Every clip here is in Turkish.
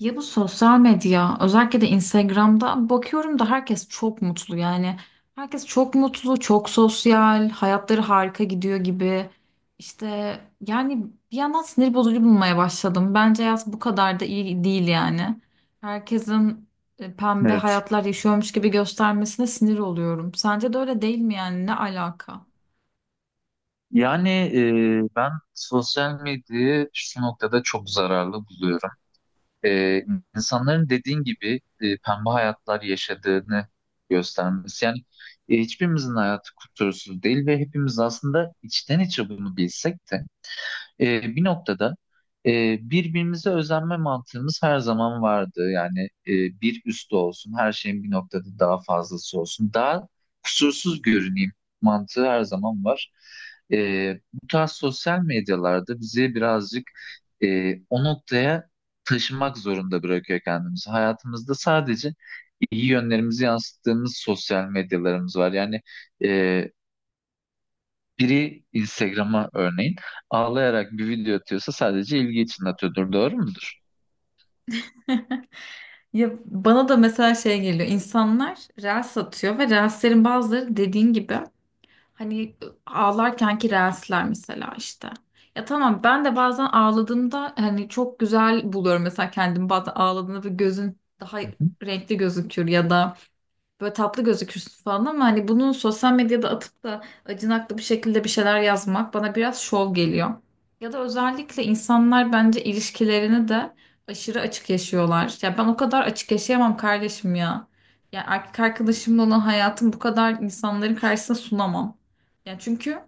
Ya bu sosyal medya özellikle de Instagram'da bakıyorum da herkes çok mutlu yani. Herkes çok mutlu, çok sosyal, hayatları harika gidiyor gibi. İşte yani bir yandan sinir bozucu bulmaya başladım. Bence yaz bu kadar da iyi değil yani. Herkesin pembe Evet. hayatlar yaşıyormuş gibi göstermesine sinir oluyorum. Sence de öyle değil mi yani? Ne alaka? Yani ben sosyal medyayı şu noktada çok zararlı buluyorum. E, insanların dediğin gibi pembe hayatlar yaşadığını göstermesi. Hiçbirimizin hayatı kusursuz değil ve hepimiz aslında içten içe bunu bilsek de bir noktada birbirimize özenme mantığımız her zaman vardı. Yani e, bir üstü olsun, her şeyin bir noktada daha fazlası olsun, daha kusursuz görüneyim mantığı her zaman var. Bu tarz sosyal medyalarda bizi birazcık o noktaya taşımak zorunda bırakıyor kendimizi. Hayatımızda sadece iyi yönlerimizi yansıttığımız sosyal medyalarımız var. E, Biri Instagram'a örneğin ağlayarak bir video atıyorsa sadece ilgi için atıyordur. Doğru mudur? Ya bana da mesela şey geliyor. İnsanlar reels satıyor ve reelslerin bazıları dediğin gibi. Hani ağlarkenki ki reelsler mesela işte. Ya tamam ben de bazen ağladığımda hani çok güzel buluyorum mesela kendimi bazen ağladığımda ve gözün daha Hı hı. renkli gözüküyor ya da böyle tatlı gözükürsün falan ama hani bunu sosyal medyada atıp da acınaklı bir şekilde bir şeyler yazmak bana biraz şov geliyor. Ya da özellikle insanlar bence ilişkilerini de aşırı açık yaşıyorlar. Ya ben o kadar açık yaşayamam kardeşim ya. Ya erkek arkadaşımla olan hayatım bu kadar insanların karşısına sunamam. Ya çünkü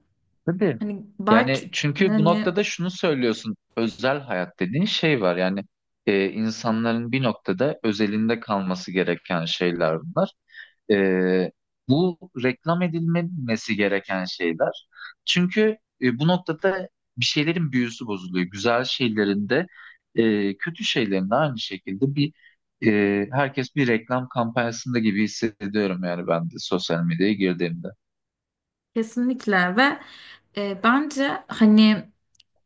Tabii. hani Yani belki çünkü bu hani noktada şunu söylüyorsun. Özel hayat dediğin şey var. İnsanların bir noktada özelinde kalması gereken şeyler bunlar. Ee, Bu reklam edilmemesi gereken şeyler. Çünkü bu noktada bir şeylerin büyüsü bozuluyor. Güzel şeylerin de kötü şeylerin de aynı şekilde herkes bir reklam kampanyasında gibi hissediyorum yani ben de sosyal medyaya girdiğimde. kesinlikle ve bence hani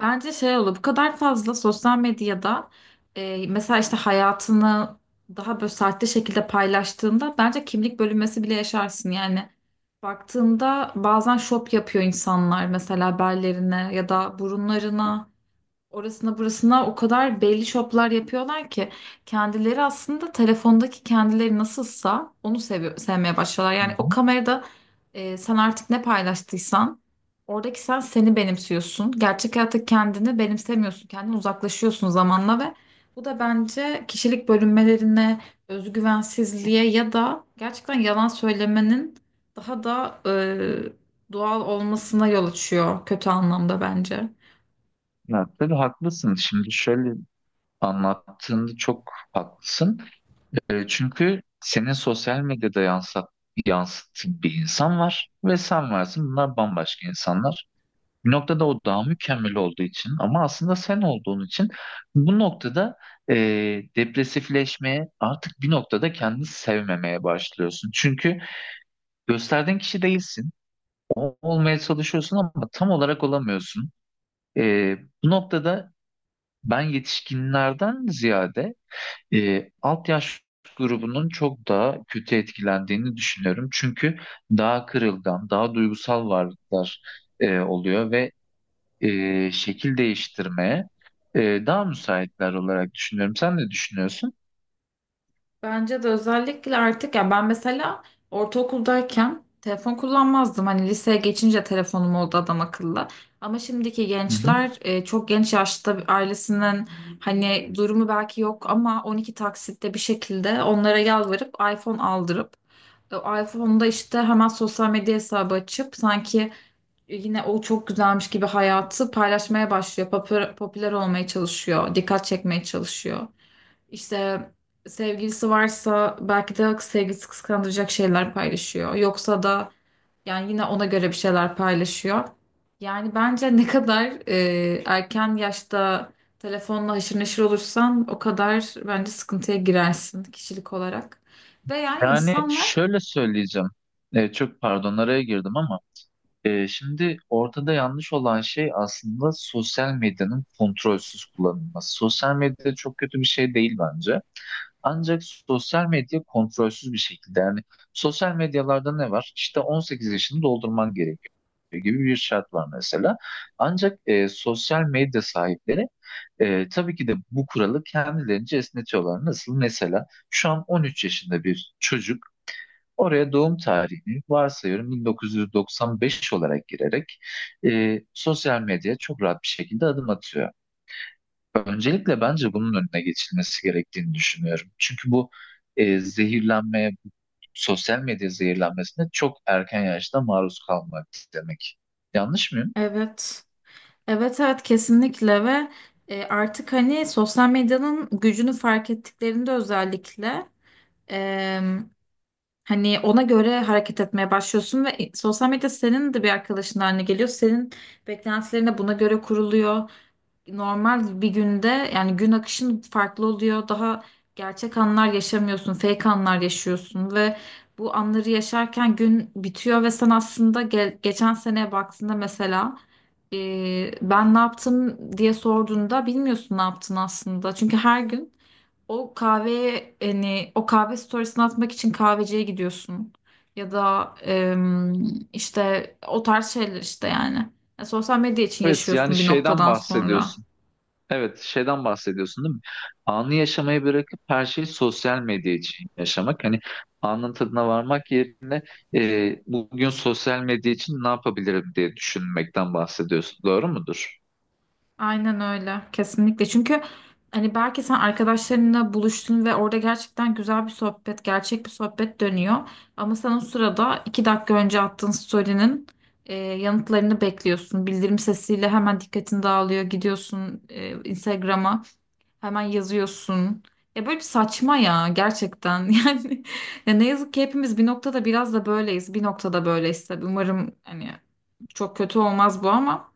bence şey olur bu kadar fazla sosyal medyada, mesela işte hayatını daha böyle sahte şekilde paylaştığında bence kimlik bölünmesi bile yaşarsın yani. Baktığında bazen şop yapıyor insanlar mesela bellerine ya da burunlarına, orasına burasına o kadar belli şoplar yapıyorlar ki kendileri aslında telefondaki kendileri nasılsa onu seviyor, sevmeye başlıyorlar. Hı Yani o hı. kamerada sen artık ne paylaştıysan oradaki sen seni benimsiyorsun. Gerçek hayatta kendini benimsemiyorsun. Kendini uzaklaşıyorsun zamanla ve bu da bence kişilik bölünmelerine, özgüvensizliğe ya da gerçekten yalan söylemenin daha da doğal olmasına yol açıyor kötü anlamda bence. Ya, tabii haklısın. Şimdi şöyle anlattığında çok haklısın. Çünkü senin sosyal medyada yansıttığın bir insan var ve sen varsın. Bunlar bambaşka insanlar. Bir noktada o daha mükemmel olduğu için ama aslında sen olduğun için bu noktada e, depresifleşmeye artık bir noktada kendini sevmemeye başlıyorsun. Çünkü gösterdiğin kişi değilsin. O olmaya çalışıyorsun ama tam olarak olamıyorsun. E, Bu noktada ben yetişkinlerden ziyade alt yaş grubunun çok daha kötü etkilendiğini düşünüyorum. Çünkü daha kırılgan, daha duygusal varlıklar oluyor ve şekil değiştirmeye e, daha müsaitler olarak düşünüyorum. Sen ne düşünüyorsun? Bence de özellikle artık ya ben mesela ortaokuldayken telefon kullanmazdım. Hani liseye geçince telefonum oldu adam akıllı. Ama şimdiki Hı hı. gençler çok genç yaşta bir ailesinin hani durumu belki yok ama 12 taksitte bir şekilde onlara yalvarıp iPhone aldırıp o iPhone'da işte hemen sosyal medya hesabı açıp sanki yine o çok güzelmiş gibi hayatı paylaşmaya başlıyor. Popüler, popüler olmaya çalışıyor, dikkat çekmeye çalışıyor. İşte sevgilisi varsa belki de sevgilisi kıskandıracak şeyler paylaşıyor. Yoksa da yani yine ona göre bir şeyler paylaşıyor. Yani bence ne kadar erken yaşta telefonla haşır neşir olursan o kadar bence sıkıntıya girersin kişilik olarak. Ve yani Yani insanlar şöyle söyleyeceğim. Çok pardon araya girdim ama şimdi ortada yanlış olan şey aslında sosyal medyanın kontrolsüz kullanılması. Sosyal medya çok kötü bir şey değil bence. Ancak sosyal medya kontrolsüz bir şekilde yani sosyal medyalarda ne var? İşte 18 yaşını doldurman gerekiyor gibi bir şart var mesela. Ancak sosyal medya sahipleri. Tabii ki de bu kuralı kendilerince esnetiyorlar. Nasıl? Mesela şu an 13 yaşında bir çocuk oraya doğum tarihini varsayıyorum 1995 olarak girerek sosyal medyaya çok rahat bir şekilde adım atıyor. Öncelikle bence bunun önüne geçilmesi gerektiğini düşünüyorum. Çünkü bu zehirlenmeye, bu sosyal medya zehirlenmesine çok erken yaşta maruz kalmak demek. Yanlış mıyım? evet evet evet kesinlikle ve artık hani sosyal medyanın gücünü fark ettiklerinde özellikle hani ona göre hareket etmeye başlıyorsun ve sosyal medya senin de bir arkadaşın haline geliyor. Senin beklentilerine buna göre kuruluyor. Normal bir günde yani gün akışın farklı oluyor. Daha gerçek anlar yaşamıyorsun, fake anlar yaşıyorsun ve bu anları yaşarken gün bitiyor ve sen aslında geçen seneye baktığında mesela ben ne yaptım diye sorduğunda bilmiyorsun ne yaptın aslında. Çünkü her gün o kahveye hani o kahve storiesini atmak için kahveciye gidiyorsun. Ya da işte o tarz şeyler işte yani. Ya sosyal medya için Evet, yani yaşıyorsun bir şeyden noktadan sonra. bahsediyorsun. Evet, şeyden bahsediyorsun değil mi? Anı yaşamayı bırakıp her şeyi sosyal medya için yaşamak. Hani anın tadına varmak yerine bugün sosyal medya için ne yapabilirim diye düşünmekten bahsediyorsun. Doğru mudur? Aynen öyle. Kesinlikle. Çünkü hani belki sen arkadaşlarınla buluştun ve orada gerçekten güzel bir sohbet, gerçek bir sohbet dönüyor. Ama sen o sırada iki dakika önce attığın story'nin yanıtlarını bekliyorsun. Bildirim sesiyle hemen dikkatin dağılıyor. Gidiyorsun Instagram'a. Hemen yazıyorsun. Ya böyle bir saçma ya gerçekten. Yani ya ne yazık ki hepimiz bir noktada biraz da böyleyiz. Bir noktada böyleyiz tabii. Umarım hani çok kötü olmaz bu ama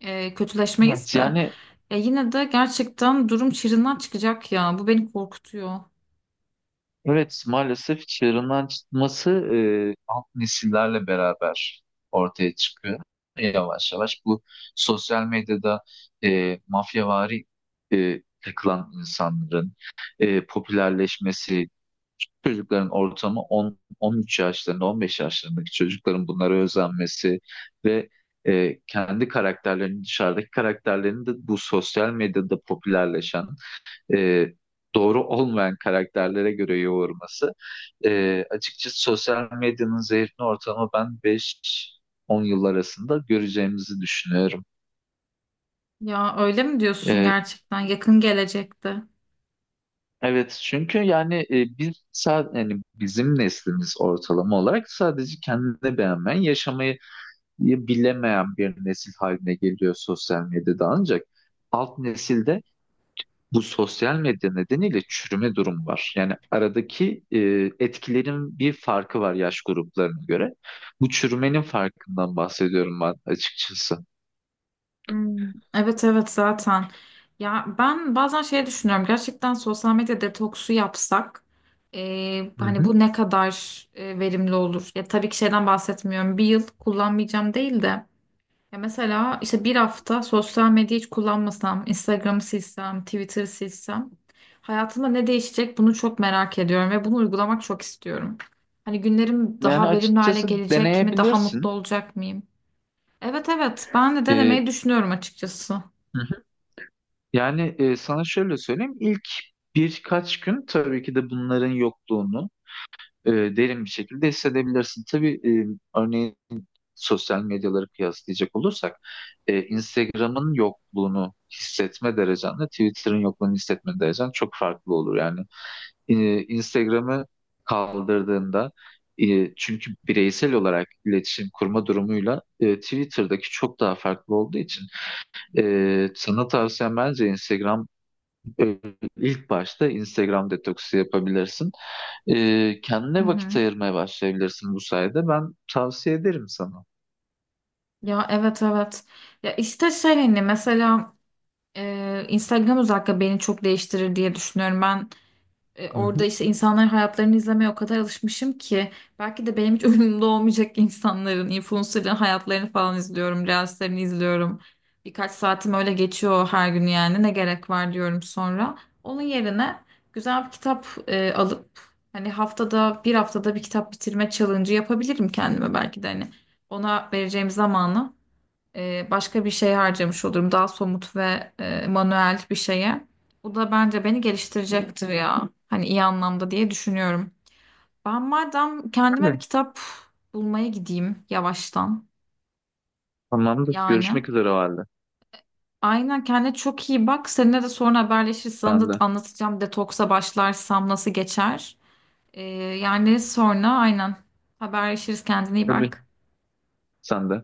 kötüleşmeyiz Evet. de. Yani Ya yine de gerçekten durum çığırından çıkacak ya. Bu beni korkutuyor. evet maalesef çığırından çıkması alt nesillerle beraber ortaya çıkıyor. Yavaş yavaş bu sosyal medyada mafyavari takılan insanların popülerleşmesi, küçük çocukların ortamı 10, 13 yaşlarında, 15 yaşlarındaki çocukların bunlara özenmesi ve kendi karakterlerini, dışarıdaki karakterlerini de bu sosyal medyada popülerleşen, e, doğru olmayan karakterlere göre yoğurması. Açıkçası sosyal medyanın zehirli ortamı ben 5-10 yıl arasında göreceğimizi düşünüyorum. Ya öyle mi diyorsun E, gerçekten? Yakın gelecekte. Evet çünkü yani biz sadece yani bizim neslimiz ortalama olarak sadece kendini beğenmeyen, yaşamayı bilemeyen bir nesil haline geliyor sosyal medyada ancak alt nesilde bu sosyal medya nedeniyle çürüme durumu var. Yani aradaki etkilerin bir farkı var yaş gruplarına göre. Bu çürümenin farkından bahsediyorum ben açıkçası. Hmm. Evet, evet zaten. Ya ben bazen şey düşünüyorum gerçekten sosyal medya detoksu yapsak Hı hani hı. bu ne kadar verimli olur? Ya tabii ki şeyden bahsetmiyorum. Bir yıl kullanmayacağım değil de ya mesela işte bir hafta sosyal medya hiç kullanmasam, Instagram'ı silsem, Twitter'ı silsem hayatımda ne değişecek bunu çok merak ediyorum ve bunu uygulamak çok istiyorum. Hani günlerim Yani daha verimli hale açıkçası gelecek mi? Daha mutlu deneyebilirsin. olacak mıyım? Evet, evet ben de denemeyi E, düşünüyorum açıkçası. hı hı. Sana şöyle söyleyeyim. İlk birkaç gün tabii ki de bunların yokluğunu derin bir şekilde hissedebilirsin. Tabii, örneğin sosyal medyaları kıyaslayacak olursak Instagram'ın yokluğunu hissetme derecenle Twitter'ın yokluğunu hissetme derecen çok farklı olur. Yani Instagram'ı kaldırdığında çünkü bireysel olarak iletişim kurma durumuyla Twitter'daki çok daha farklı olduğu için sana tavsiyem bence e, ilk başta Instagram detoksu yapabilirsin. Hı Kendine hı. vakit ayırmaya başlayabilirsin bu sayede. Ben tavsiye ederim sana. Ya evet, evet. Ya işte şey hani mesela Instagram özellikle beni çok değiştirir diye düşünüyorum. Ben E, Hı orada işte insanların hayatlarını izlemeye o kadar alışmışım ki belki de benim hiç umurumda olmayacak insanların, influencerların hayatlarını falan izliyorum, reelslerini izliyorum. Birkaç saatim öyle geçiyor her gün yani ne gerek var diyorum sonra. Onun yerine güzel bir kitap alıp hani haftada bir kitap bitirme challenge'ı yapabilirim kendime belki de hani ona vereceğim zamanı başka bir şey harcamış olurum. Daha somut ve manuel bir şeye. Bu da bence beni geliştirecektir ya. Hani iyi anlamda diye düşünüyorum. Ben madem kendime bir hı. kitap bulmaya gideyim yavaştan. Tamamdır. Yani. Görüşmek üzere o halde. Aynen kendine çok iyi bak. Seninle de sonra haberleşiriz. Sana Sen da de. anlatacağım detoksa başlarsam nasıl geçer. E, yani sonra aynen haberleşiriz. Kendine iyi Tabii. bak. Sen de.